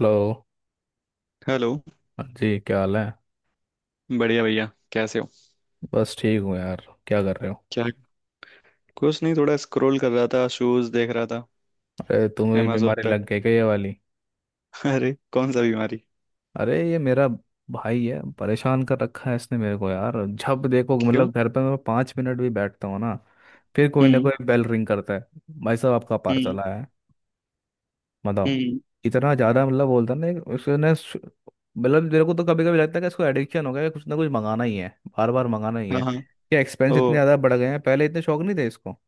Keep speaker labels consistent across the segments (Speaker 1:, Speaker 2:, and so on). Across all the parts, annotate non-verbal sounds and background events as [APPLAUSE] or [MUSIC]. Speaker 1: Hello.
Speaker 2: Hello.
Speaker 1: हाँ जी, क्या हाल है?
Speaker 2: बढ़िया भैया। कैसे हो?
Speaker 1: बस ठीक हूँ यार। क्या कर रहे हो?
Speaker 2: क्या? कुछ नहीं, थोड़ा स्क्रॉल कर रहा था, शूज देख रहा था
Speaker 1: अरे तुम्हें भी
Speaker 2: amazon
Speaker 1: बीमारी
Speaker 2: पे।
Speaker 1: लग गई क्या ये वाली?
Speaker 2: [LAUGHS] अरे कौन सा बीमारी।
Speaker 1: अरे ये मेरा भाई है, परेशान कर रखा है इसने मेरे को यार। जब देखो,
Speaker 2: क्यों?
Speaker 1: मतलब घर पे मैं 5 मिनट भी बैठता हूँ ना, फिर कोई ना
Speaker 2: हम्म।
Speaker 1: कोई बेल रिंग करता है। भाई साहब, आपका पार्सल
Speaker 2: हम्म।
Speaker 1: आया है। बताओ।
Speaker 2: हम्म।
Speaker 1: इतना ज़्यादा मतलब बोलता ना। उसने सु- मतलब मेरे को तो कभी कभी लगता है कि इसको एडिक्शन हो गया है, कुछ ना कुछ मंगाना ही है। बार बार मंगाना ही
Speaker 2: हाँ,
Speaker 1: है।
Speaker 2: हाँ।
Speaker 1: क्या एक्सपेंस
Speaker 2: ओ।
Speaker 1: इतने ज़्यादा बढ़ गए हैं, पहले इतने शौक नहीं थे इसको।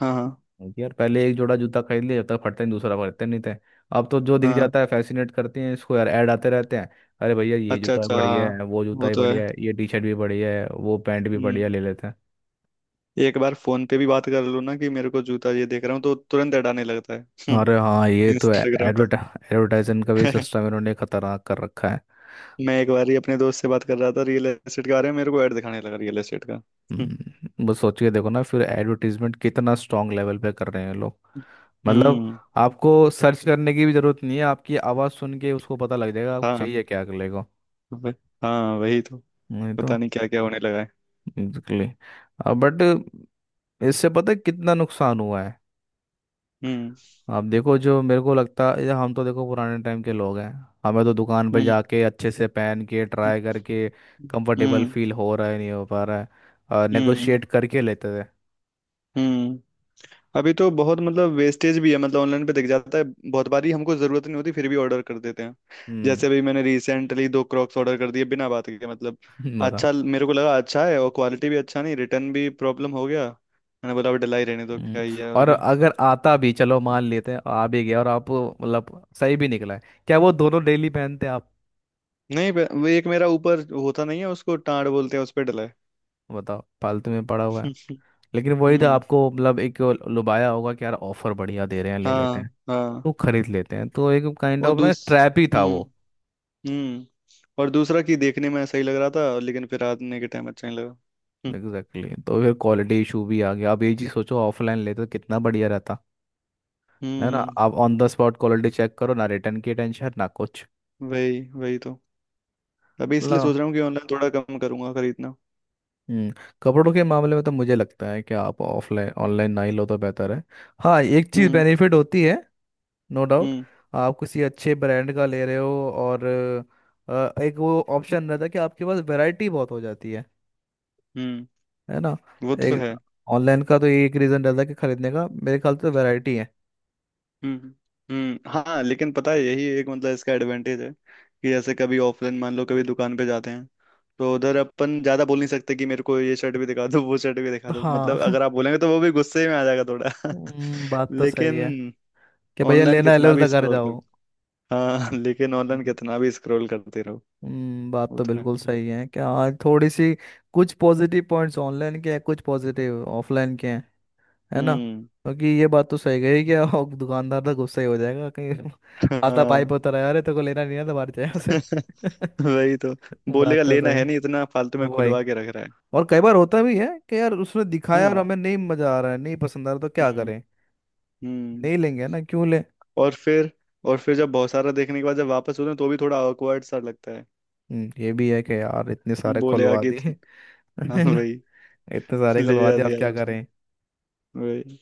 Speaker 2: हाँ, हाँ।
Speaker 1: क्योंकि यार पहले एक जोड़ा जूता खरीद लिया, जब तक फटते नहीं दूसरा खरीदते नहीं थे। अब तो जो दिख
Speaker 2: हाँ,
Speaker 1: जाता है फैसिनेट करते हैं इसको, यार ऐड आते रहते हैं। अरे भैया, ये
Speaker 2: अच्छा
Speaker 1: जूता
Speaker 2: अच्छा।
Speaker 1: बढ़िया है, वो जूता
Speaker 2: वो
Speaker 1: ही
Speaker 2: तो है।
Speaker 1: बढ़िया है, ये टी शर्ट भी बढ़िया है, वो पैंट भी बढ़िया,
Speaker 2: हम्म।
Speaker 1: ले लेते हैं।
Speaker 2: एक बार फोन पे भी बात कर लो ना कि मेरे को जूता ये देख रहा हूँ तो तुरंत हटाने लगता है।
Speaker 1: अरे
Speaker 2: हम्म।
Speaker 1: हाँ ये तो है।
Speaker 2: इंस्टाग्राम पे।
Speaker 1: एडवर्टाइजमेंट का भी सिस्टम
Speaker 2: [LAUGHS]
Speaker 1: इन्होंने खतरनाक कर रखा है।
Speaker 2: मैं एक बार ही अपने दोस्त से बात कर रहा था रियल एस्टेट के बारे में, मेरे को ऐड दिखाने लगा रियल एस्टेट का। हम्म।
Speaker 1: बस सोच के देखो ना, फिर एडवर्टीजमेंट कितना स्ट्रांग लेवल पे कर रहे हैं लोग। मतलब
Speaker 2: हम्म,
Speaker 1: आपको सर्च करने की भी जरूरत नहीं है, आपकी आवाज़ सुन के उसको पता लग जाएगा आप
Speaker 2: हाँ
Speaker 1: चाहिए क्या अगले को।
Speaker 2: वह- हाँ वही तो।
Speaker 1: नहीं तो
Speaker 2: पता नहीं क्या क्या होने लगा है।
Speaker 1: एग्जैक्टली। बट इससे पता है कितना नुकसान हुआ है।
Speaker 2: हम्म।
Speaker 1: आप देखो, जो मेरे को लगता है, या हम तो देखो पुराने टाइम के लोग हैं। हमें तो दुकान पर
Speaker 2: हम्म।
Speaker 1: जाके अच्छे से पहन के ट्राई करके कंफर्टेबल
Speaker 2: हम्म।
Speaker 1: फील हो रहा है नहीं हो पा रहा है, और
Speaker 2: हम्म।
Speaker 1: नेगोशिएट करके लेते थे।
Speaker 2: हम्म। अभी तो बहुत मतलब वेस्टेज भी है, मतलब ऑनलाइन पे दिख जाता है। बहुत बारी हमको जरूरत नहीं होती फिर भी ऑर्डर कर देते हैं।
Speaker 1: हम्म।
Speaker 2: जैसे अभी मैंने रिसेंटली दो क्रॉक्स ऑर्डर कर दिए बिना बात के, मतलब
Speaker 1: [LAUGHS] बता।
Speaker 2: अच्छा मेरे को लगा अच्छा है, और क्वालिटी भी अच्छा नहीं, रिटर्न भी प्रॉब्लम हो गया। मैंने बोला अब डलाई रहने दो,
Speaker 1: हम्म,
Speaker 2: क्या ही है और
Speaker 1: और
Speaker 2: क्या।
Speaker 1: अगर आता भी, चलो मान लेते हैं आ भी गया और आप मतलब सही भी निकला है, क्या वो दोनों डेली पहनते आप?
Speaker 2: नहीं वो एक मेरा ऊपर होता नहीं है, उसको टाड़ बोलते हैं, उस पे डला है।
Speaker 1: बताओ, फालतू में पड़ा हुआ है।
Speaker 2: [LAUGHS]
Speaker 1: लेकिन वही तो,
Speaker 2: हम्म।
Speaker 1: आपको मतलब एक लुभाया होगा कि यार ऑफर बढ़िया दे रहे हैं, ले लेते
Speaker 2: हाँ,
Speaker 1: हैं।
Speaker 2: हाँ।
Speaker 1: वो खरीद लेते हैं, तो एक काइंड
Speaker 2: और
Speaker 1: ऑफ ना
Speaker 2: दूस
Speaker 1: ट्रैप ही था वो।
Speaker 2: हम्म और दूसरा कि देखने में ऐसा ही लग रहा था, लेकिन फिर आने के टाइम अच्छा नहीं लगा। हम्म।
Speaker 1: Exactly exactly। तो फिर क्वालिटी इशू भी आ गया, अब ये चीज सोचो ऑफलाइन लेते तो कितना बढ़िया रहता। है ना?
Speaker 2: हम्म।
Speaker 1: आप on the spot quality check करो, ना रिटर्न की टेंशन ना कुछ।
Speaker 2: वही वही तो। अभी इसलिए
Speaker 1: ला।
Speaker 2: सोच रहा हूँ कि ऑनलाइन थोड़ा कम करूंगा खरीदना।
Speaker 1: हम्म। कपड़ों के मामले में तो मुझे लगता है कि आप ऑफलाइन, ऑनलाइन ना ही लो तो बेहतर है। हाँ, एक चीज
Speaker 2: हम्म।
Speaker 1: बेनिफिट होती है, नो डाउट।
Speaker 2: हम्म।
Speaker 1: आप किसी अच्छे ब्रांड का ले रहे हो, और एक वो ऑप्शन रहता है कि आपके पास वैरायटी बहुत हो जाती है।
Speaker 2: हम्म।
Speaker 1: है ना?
Speaker 2: वो तो
Speaker 1: एक,
Speaker 2: है।
Speaker 1: ऑनलाइन का तो ये एक रीजन रहता है कि खरीदने का, मेरे ख्याल से तो वैरायटी है।
Speaker 2: हम्म। हाँ, लेकिन पता है यही एक मतलब इसका एडवांटेज है कि जैसे कभी ऑफलाइन मान लो कभी दुकान पे जाते हैं, तो उधर अपन ज्यादा बोल नहीं सकते कि मेरे को ये शर्ट भी दिखा दो वो शर्ट भी दिखा दो,
Speaker 1: हाँ।
Speaker 2: मतलब
Speaker 1: [LAUGHS]
Speaker 2: अगर आप बोलेंगे तो वो भी गुस्से में आ जाएगा थोड़ा। [LAUGHS]
Speaker 1: बात तो सही
Speaker 2: लेकिन
Speaker 1: है कि भैया
Speaker 2: ऑनलाइन
Speaker 1: लेना है
Speaker 2: कितना
Speaker 1: लो,
Speaker 2: भी
Speaker 1: घर
Speaker 2: स्क्रॉल
Speaker 1: जाओ।
Speaker 2: हाँ [LAUGHS] लेकिन ऑनलाइन
Speaker 1: हम्म।
Speaker 2: कितना भी स्क्रॉल करते रहो।
Speaker 1: हम्म, बात
Speaker 2: वो
Speaker 1: तो
Speaker 2: तो है।
Speaker 1: बिल्कुल सही है कि हाँ थोड़ी सी कुछ पॉजिटिव पॉइंट्स ऑनलाइन के हैं, कुछ पॉजिटिव ऑफलाइन के हैं। है ना?
Speaker 2: हम्म।
Speaker 1: क्योंकि ये बात तो सही गई कि और दुकानदार तो गुस्सा ही हो जाएगा कहीं। [LAUGHS] आता पाइप
Speaker 2: हाँ।
Speaker 1: होता रहा, अरे तेरे को लेना नहीं है तो बाहर से, यहाँ से।
Speaker 2: [LAUGHS] वही तो।
Speaker 1: [LAUGHS]
Speaker 2: बोलेगा
Speaker 1: बात तो
Speaker 2: लेना
Speaker 1: सही
Speaker 2: है
Speaker 1: है।
Speaker 2: नहीं, इतना फालतू में
Speaker 1: ओ भाई,
Speaker 2: खुलवा के रख रहा है।
Speaker 1: और कई बार होता भी है कि यार उसने दिखाया और
Speaker 2: हाँ।
Speaker 1: हमें नहीं मजा आ रहा है, नहीं पसंद आ रहा, तो क्या
Speaker 2: हम्म।
Speaker 1: करें?
Speaker 2: हम्म।
Speaker 1: नहीं लेंगे ना, क्यों ले?
Speaker 2: और फिर और फिर जब बहुत सारा देखने के बाद जब वापस होते हैं तो भी थोड़ा awkward सा लगता है।
Speaker 1: ये भी है कि यार इतने सारे
Speaker 2: बोलेगा
Speaker 1: खुलवा
Speaker 2: कि
Speaker 1: दिए।
Speaker 2: [LAUGHS]
Speaker 1: [LAUGHS]
Speaker 2: हाँ
Speaker 1: है ना?
Speaker 2: वही।
Speaker 1: इतने सारे
Speaker 2: ले
Speaker 1: खुलवा
Speaker 2: जा
Speaker 1: दिए, अब
Speaker 2: दिया
Speaker 1: क्या
Speaker 2: उसने।
Speaker 1: करें।
Speaker 2: वही।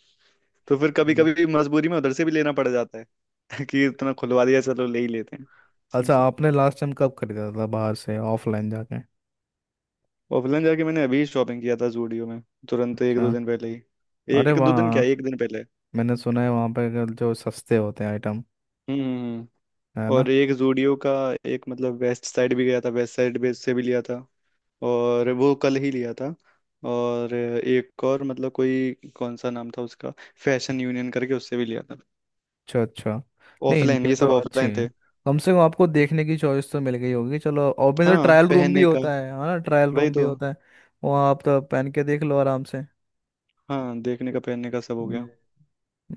Speaker 2: तो फिर कभी
Speaker 1: हम्म।
Speaker 2: कभी मजबूरी में उधर से भी लेना पड़ जाता है [LAUGHS] कि इतना खुलवा दिया, चलो ले ही लेते
Speaker 1: अच्छा,
Speaker 2: हैं।
Speaker 1: आपने लास्ट टाइम कब खरीदा था बाहर से ऑफलाइन जाके?
Speaker 2: ऑफलाइन जाके मैंने अभी शॉपिंग किया था जूडियो में, तुरंत एक
Speaker 1: अच्छा,
Speaker 2: दो दिन पहले ही।
Speaker 1: अरे
Speaker 2: एक दो दिन
Speaker 1: वाह।
Speaker 2: क्या, एक दिन पहले।
Speaker 1: मैंने सुना है वहाँ पे जो सस्ते होते हैं आइटम।
Speaker 2: हम्म। हम्म।
Speaker 1: है ना?
Speaker 2: और एक जूडियो का, एक मतलब वेस्ट साइड भी गया था, वेस्ट साइड भी से भी लिया था, और वो कल ही लिया था। और एक और मतलब कोई कौन सा नाम था उसका, फैशन यूनियन करके, उससे भी लिया था।
Speaker 1: अच्छा अच्छा, नहीं
Speaker 2: ऑफलाइन,
Speaker 1: इनके
Speaker 2: ये
Speaker 1: तो
Speaker 2: सब
Speaker 1: अच्छे
Speaker 2: ऑफलाइन
Speaker 1: हैं।
Speaker 2: थे।
Speaker 1: कम से कम आपको देखने की चॉइस तो मिल गई होगी चलो, और मेरा
Speaker 2: हाँ
Speaker 1: ट्रायल रूम भी
Speaker 2: पहनने का,
Speaker 1: होता है, हाँ ना, ट्रायल
Speaker 2: वही
Speaker 1: रूम भी
Speaker 2: तो।
Speaker 1: होता है। वहाँ आप तो पहन के देख लो आराम से।
Speaker 2: हाँ देखने का पहनने का सब हो गया।
Speaker 1: हम्म।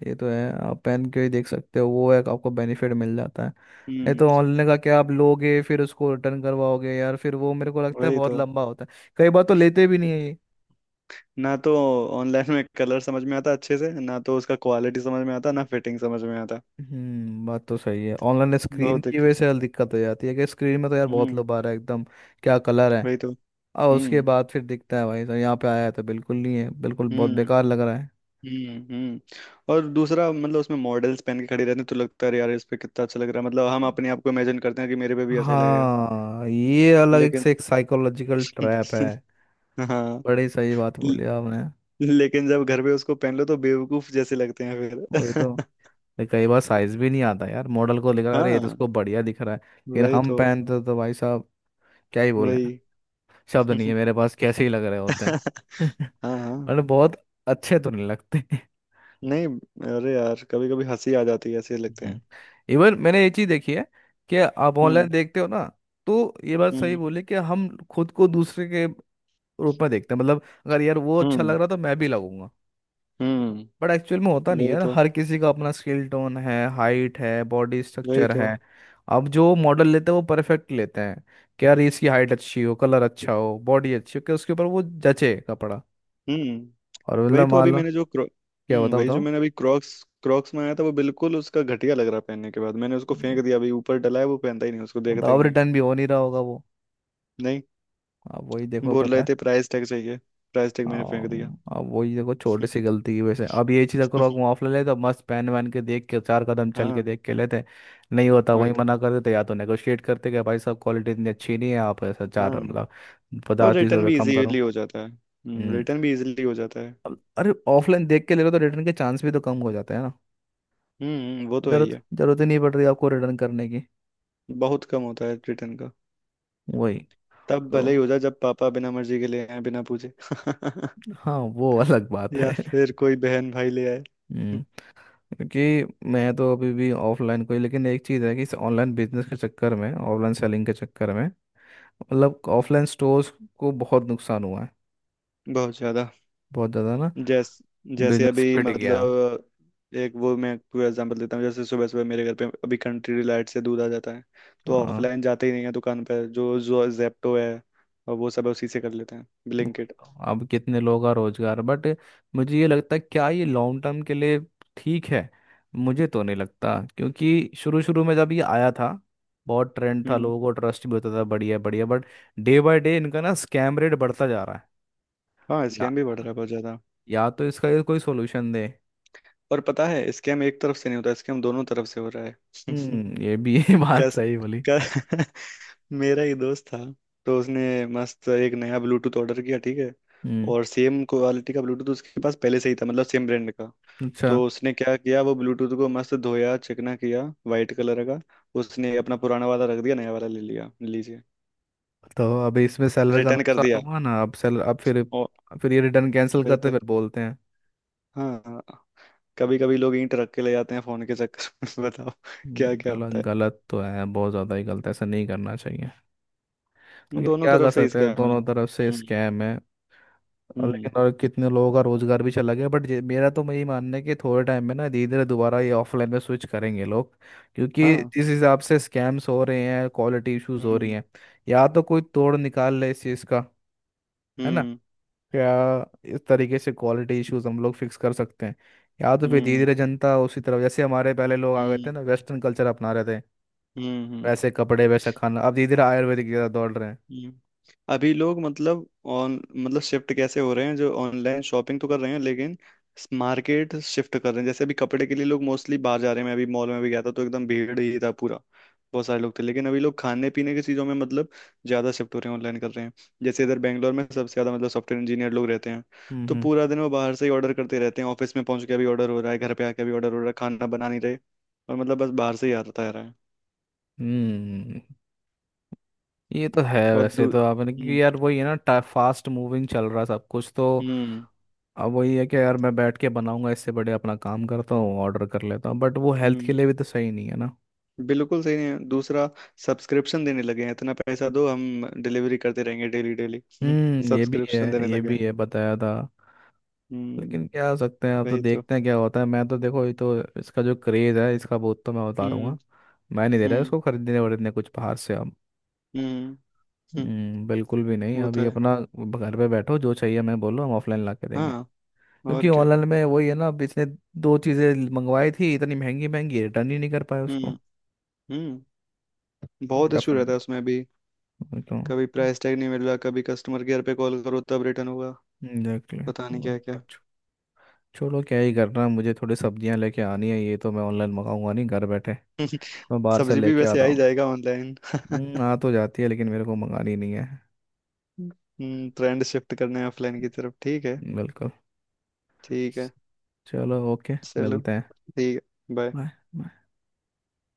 Speaker 1: ये तो है, आप पहन के ही देख सकते हो, वो एक आपको बेनिफिट मिल जाता है। नहीं
Speaker 2: हम्म।
Speaker 1: तो ऑनलाइन का क्या, आप लोगे फिर उसको रिटर्न करवाओगे यार, फिर वो मेरे को लगता है
Speaker 2: वही
Speaker 1: बहुत
Speaker 2: तो,
Speaker 1: लंबा होता है, कई बार तो लेते भी नहीं है ये।
Speaker 2: ना तो ऑनलाइन में कलर समझ में आता अच्छे से, ना तो उसका क्वालिटी समझ में आता, ना फिटिंग समझ में आता।
Speaker 1: हम्म, बात तो सही है, ऑनलाइन स्क्रीन
Speaker 2: बहुत
Speaker 1: की वजह
Speaker 2: दिक्कत।
Speaker 1: से दिक्कत हो जाती है कि स्क्रीन में तो यार बहुत
Speaker 2: हम्म।
Speaker 1: लोग आ रहा है एकदम, क्या कलर है।
Speaker 2: वही तो।
Speaker 1: और उसके
Speaker 2: हम्म।
Speaker 1: बाद फिर दिखता है भाई साहब यहाँ पे आया है तो बिल्कुल नहीं है, बिल्कुल बहुत
Speaker 2: हम्म।
Speaker 1: बेकार लग रहा है।
Speaker 2: हम्म, हम्म। और दूसरा मतलब उसमें मॉडल्स पहन के खड़ी रहती हैं, तो लगता है यार इस पे कितना अच्छा लग रहा है, मतलब हम अपने आप को इमेजिन करते हैं कि मेरे पे भी ऐसा ही लगेगा,
Speaker 1: हाँ, ये अलग एक
Speaker 2: लेकिन।
Speaker 1: से एक साइकोलॉजिकल ट्रैप है।
Speaker 2: [LAUGHS] हाँ।
Speaker 1: बड़ी सही बात
Speaker 2: ल-
Speaker 1: बोली आपने।
Speaker 2: लेकिन जब घर पे उसको पहन लो तो बेवकूफ जैसे लगते हैं
Speaker 1: वही
Speaker 2: फिर।
Speaker 1: तो। ये कई बार साइज भी नहीं आता यार, मॉडल को लिखा
Speaker 2: [LAUGHS]
Speaker 1: अरे ये तो
Speaker 2: हाँ,
Speaker 1: इसको बढ़िया दिख रहा है। फिर
Speaker 2: वही
Speaker 1: हम
Speaker 2: तो।
Speaker 1: पहनते तो भाई साहब, क्या ही बोले,
Speaker 2: वही।
Speaker 1: शब्द नहीं है
Speaker 2: [LAUGHS]
Speaker 1: मेरे पास, कैसे ही लग रहे होते हैं। [LAUGHS]
Speaker 2: हाँ, हाँ।
Speaker 1: मतलब बहुत अच्छे तो नहीं लगते।
Speaker 2: नहीं। अरे यार कभी कभी हंसी आ जाती है, ऐसे लगते हैं।
Speaker 1: हम्म। इवन मैंने ये चीज देखी है कि आप ऑनलाइन
Speaker 2: हम्म।
Speaker 1: देखते हो ना, तो ये बात सही
Speaker 2: हम्म।
Speaker 1: बोले कि हम खुद को दूसरे के ग्रुप में देखते हैं। मतलब अगर यार वो अच्छा
Speaker 2: हम्म,
Speaker 1: लग रहा तो मैं भी लगूंगा।
Speaker 2: हम्म।
Speaker 1: बट एक्चुअल में होता नहीं है
Speaker 2: वही
Speaker 1: यार,
Speaker 2: तो।
Speaker 1: हर किसी का अपना स्किल टोन है, हाइट है, बॉडी
Speaker 2: वही
Speaker 1: स्ट्रक्चर
Speaker 2: तो।
Speaker 1: है। अब जो मॉडल लेते हैं वो परफेक्ट लेते हैं, कि यार इसकी हाइट अच्छी हो, कलर अच्छा हो, बॉडी अच्छी हो, कि उसके ऊपर वो जचे कपड़ा।
Speaker 2: हम्म।
Speaker 1: और
Speaker 2: वही
Speaker 1: मतलब
Speaker 2: तो
Speaker 1: मान
Speaker 2: अभी
Speaker 1: लो,
Speaker 2: मैंने जो क्रो
Speaker 1: क्या बताओ,
Speaker 2: वही जो
Speaker 1: बताओ।
Speaker 2: मैंने अभी क्रॉक्स क्रॉक्स मंगाया था, वो बिल्कुल उसका घटिया लग रहा पहनने के बाद। मैंने उसको
Speaker 1: मतलब
Speaker 2: फेंक दिया, अभी ऊपर डला है, वो पहनता ही नहीं, उसको देखता ही
Speaker 1: अब
Speaker 2: नहीं।
Speaker 1: रिटर्न भी हो नहीं रहा होगा वो।
Speaker 2: नहीं।
Speaker 1: अब वही देखो।
Speaker 2: बोल रहे थे प्राइस टैग चाहिए, प्राइस टैग मैंने फेंक दिया।
Speaker 1: हाँ, अब वही देखो, छोटी सी
Speaker 2: [LAUGHS]
Speaker 1: गलती की वजह से, अब ये चीज़ अगर ऑफ ले ले तो मस्त पहन वहन के देख के, चार कदम चल के
Speaker 2: हाँ।
Speaker 1: देख के लेते। नहीं होता,
Speaker 2: वही
Speaker 1: वही
Speaker 2: तो।
Speaker 1: मना कर देते, या तो नेगोशिएट करते कि भाई साहब क्वालिटी इतनी अच्छी नहीं है, आप ऐसा चार
Speaker 2: हाँ।
Speaker 1: मतलब
Speaker 2: और
Speaker 1: पचास तीस
Speaker 2: रिटर्न
Speaker 1: रुपये
Speaker 2: भी
Speaker 1: कम करो।
Speaker 2: इजीली हो जाता है
Speaker 1: हम्म। अरे ऑफलाइन देख के ले रहे हो तो रिटर्न के चांस भी तो कम हो जाते हैं ना।
Speaker 2: हम्म। वो तो है ही
Speaker 1: जरूरत
Speaker 2: है।
Speaker 1: जरूरत ही नहीं पड़ रही आपको रिटर्न करने की।
Speaker 2: बहुत कम होता है रिटर्न का।
Speaker 1: वही
Speaker 2: तब
Speaker 1: तो,
Speaker 2: भले ही हो जाए जब पापा बिना मर्जी के ले आए बिना पूछे। [LAUGHS]
Speaker 1: हाँ वो [LAUGHS] अलग बात
Speaker 2: या
Speaker 1: है।
Speaker 2: फिर कोई बहन भाई ले आए। [LAUGHS]
Speaker 1: हम्म, क्योंकि मैं तो अभी भी ऑफलाइन, कोई, लेकिन एक चीज़ है कि इस ऑनलाइन बिजनेस के चक्कर में, ऑनलाइन सेलिंग के चक्कर में, मतलब ऑफलाइन स्टोर्स को बहुत नुकसान हुआ है।
Speaker 2: बहुत ज्यादा।
Speaker 1: बहुत ज़्यादा ना,
Speaker 2: जैस जैसे
Speaker 1: बिजनेस
Speaker 2: अभी
Speaker 1: पिट गया।
Speaker 2: मतलब, एक वो मैं पूरा एग्जांपल देता हूँ। जैसे सुबह सुबह मेरे घर पे अभी कंट्री लाइट से दूध आ जाता है, तो
Speaker 1: हाँ,
Speaker 2: ऑफलाइन जाते ही नहीं है दुकान पे। जो जो जेप्टो है और वो सब उसी से कर लेते हैं, ब्लिंकिट।
Speaker 1: अब कितने लोग का रोजगार, बट मुझे ये लगता है क्या ये लॉन्ग टर्म के लिए ठीक है? मुझे तो नहीं लगता, क्योंकि शुरू शुरू में जब ये आया था बहुत ट्रेंड था,
Speaker 2: हम्म।
Speaker 1: लोगों को ट्रस्ट भी होता था बढ़िया बढ़िया, बट डे बाय डे इनका ना स्कैम रेट बढ़ता जा रहा है।
Speaker 2: हाँ,
Speaker 1: या
Speaker 2: स्कैम भी बढ़ रहा है बहुत ज्यादा।
Speaker 1: या तो इसका ये कोई सोल्यूशन दे।
Speaker 2: और पता है स्कैम एक तरफ से नहीं होता, स्कैम दोनों तरफ से हो रहा है। [LAUGHS]
Speaker 1: हम्म, ये भी [LAUGHS] है, बात
Speaker 2: कस,
Speaker 1: सही बोली।
Speaker 2: क- [LAUGHS] मेरा ही दोस्त था, तो उसने मस्त एक नया ब्लूटूथ ऑर्डर किया, ठीक है।
Speaker 1: हम्म।
Speaker 2: और सेम क्वालिटी का ब्लूटूथ उसके पास पहले से ही था, मतलब सेम ब्रांड का।
Speaker 1: अच्छा,
Speaker 2: तो उसने क्या किया, वो ब्लूटूथ को मस्त धोया, चिकना किया, वाइट कलर का। उसने अपना पुराना वाला रख दिया, नया वाला ले लिया, लीजिए,
Speaker 1: तो अब इसमें सेलर का
Speaker 2: रिटर्न कर दिया।
Speaker 1: नुकसान हुआ ना, अब सेलर, अब फिर
Speaker 2: और
Speaker 1: फिर ये रिटर्न कैंसिल
Speaker 2: वही
Speaker 1: करते
Speaker 2: तो।
Speaker 1: हैं, फिर बोलते हैं।
Speaker 2: हाँ। कभी कभी लोग ईंट रख के ले जाते हैं फोन के चक्कर में। [LAUGHS] बताओ। क्या क्या होता
Speaker 1: गलत गलत तो है, बहुत ज़्यादा ही गलत है, ऐसा नहीं करना चाहिए।
Speaker 2: है
Speaker 1: लेकिन
Speaker 2: दोनों
Speaker 1: क्या कर
Speaker 2: तरफ से
Speaker 1: सकते
Speaker 2: इसके
Speaker 1: हैं,
Speaker 2: हमें।
Speaker 1: दोनों तरफ से
Speaker 2: हम्म।
Speaker 1: स्कैम है। और
Speaker 2: हम्म।
Speaker 1: लेकिन और कितने लोगों का रोजगार भी चला गया, मेरा तो यही मानना है कि थोड़े टाइम में ना धीरे धीरे दोबारा ये ऑफलाइन में स्विच करेंगे लोग। क्योंकि
Speaker 2: हाँ।
Speaker 1: जिस हिसाब से स्कैम्स हो रहे हैं, क्वालिटी इश्यूज हो रही
Speaker 2: हम्म।
Speaker 1: हैं, या तो कोई तोड़ निकाल ले इस चीज़ का। है ना?
Speaker 2: हम्म।
Speaker 1: क्या, इस तरीके से क्वालिटी इश्यूज हम लोग फिक्स कर सकते हैं, या तो फिर धीरे
Speaker 2: हम्म।
Speaker 1: धीरे जनता उसी तरफ, जैसे हमारे पहले लोग आ गए थे
Speaker 2: हम्म।
Speaker 1: ना वेस्टर्न कल्चर अपना रहे थे,
Speaker 2: हम्म। हम्म।
Speaker 1: वैसे कपड़े, वैसा खाना, अब धीरे धीरे आयुर्वेदिक की तरफ दौड़ रहे हैं।
Speaker 2: हम्म। अभी लोग मतलब ऑन मतलब शिफ्ट कैसे हो रहे हैं, जो ऑनलाइन शॉपिंग तो कर रहे हैं, लेकिन मार्केट शिफ्ट कर रहे हैं। जैसे अभी कपड़े के लिए लोग मोस्टली बाहर जा रहे हैं, मैं अभी मॉल में भी गया था तो एकदम भीड़ ही था पूरा। बहुत सारे लोग थे। लेकिन अभी लोग खाने पीने की चीज़ों में मतलब ज़्यादा शिफ्ट हो रहे हैं, ऑनलाइन कर रहे हैं। जैसे इधर बैंगलोर में सबसे ज़्यादा मतलब सॉफ्टवेयर इंजीनियर लोग रहते हैं, तो
Speaker 1: हम्म
Speaker 2: पूरा दिन वो बाहर से ही ऑर्डर करते रहते हैं। ऑफिस में पहुंच के भी ऑर्डर हो रहा है, घर पे आके भी ऑर्डर हो रहा है, खाना बना नहीं रहे और मतलब बस बाहर से ही आता रहा है।
Speaker 1: हम्म। ये तो है
Speaker 2: और
Speaker 1: वैसे
Speaker 2: दू
Speaker 1: तो आपने,
Speaker 2: हम्म।
Speaker 1: क्योंकि यार वही है ना फास्ट मूविंग चल रहा है सब कुछ तो।
Speaker 2: हम्म।
Speaker 1: अब वही है कि यार मैं बैठ के बनाऊंगा इससे बड़े अपना काम करता हूँ, ऑर्डर कर लेता हूँ, बट वो हेल्थ
Speaker 2: हम्म।
Speaker 1: के लिए भी तो सही नहीं है ना।
Speaker 2: बिल्कुल सही नहीं है। दूसरा, सब्सक्रिप्शन देने लगे हैं, इतना पैसा दो हम डिलीवरी करते रहेंगे, डेली डेली। [LAUGHS]
Speaker 1: हम्म, ये भी है,
Speaker 2: सब्सक्रिप्शन देने
Speaker 1: ये
Speaker 2: लगे
Speaker 1: भी
Speaker 2: हैं।
Speaker 1: है बताया था।
Speaker 2: हम्म।
Speaker 1: लेकिन क्या हो सकते हैं, अब तो
Speaker 2: वही तो।
Speaker 1: देखते हैं क्या होता है। मैं तो देखो, ये तो इसका जो क्रेज है इसका बहुत, तो मैं
Speaker 2: हम्म।
Speaker 1: उतारूंगा। मैं नहीं दे रहा
Speaker 2: हम्म।
Speaker 1: इसको खरीदने वरीदने कुछ बाहर से अब।
Speaker 2: हम्म। हम्म,
Speaker 1: बिल्कुल भी नहीं
Speaker 2: वो तो
Speaker 1: अभी
Speaker 2: है।
Speaker 1: अपना। घर पे बैठो, जो चाहिए मैं बोलो, हम ऑफलाइन ला के देंगे।
Speaker 2: हाँ, और
Speaker 1: क्योंकि
Speaker 2: क्या।
Speaker 1: ऑनलाइन में वही है ना, अब इसने दो चीज़ें मंगवाई थी इतनी महंगी महंगी, रिटर्न ही नहीं कर पाए
Speaker 2: हम्म।
Speaker 1: उसको।
Speaker 2: हम्म।
Speaker 1: तो
Speaker 2: बहुत
Speaker 1: क्या
Speaker 2: इशू रहता है
Speaker 1: फायदा।
Speaker 2: उसमें भी।
Speaker 1: वही तो।
Speaker 2: कभी प्राइस टैग नहीं मिल रहा, कभी कस्टमर केयर पे कॉल करो तब रिटर्न होगा,
Speaker 1: एग्जैक्टली,
Speaker 2: पता
Speaker 1: तो
Speaker 2: नहीं क्या
Speaker 1: मैंने कहा,
Speaker 2: क्या।
Speaker 1: छोड़ो, क्या ही करना, मुझे थोड़ी सब्जियां लेके आनी है, ये तो मैं ऑनलाइन मंगाऊंगा नहीं। घर बैठे
Speaker 2: [LAUGHS]
Speaker 1: मैं बाहर से
Speaker 2: सब्जी भी
Speaker 1: लेके
Speaker 2: वैसे आ
Speaker 1: आता
Speaker 2: ही
Speaker 1: हूँ।
Speaker 2: जाएगा ऑनलाइन। [LAUGHS]
Speaker 1: आ तो जाती है लेकिन मेरे को मंगानी नहीं है।
Speaker 2: हम्म, ट्रेंड शिफ्ट करने ऑफलाइन की तरफ, ठीक है।
Speaker 1: बिल्कुल।
Speaker 2: ठीक है।
Speaker 1: चलो ओके।
Speaker 2: चलो।
Speaker 1: मिलते हैं।
Speaker 2: ठीक है, बाय।
Speaker 1: बाय।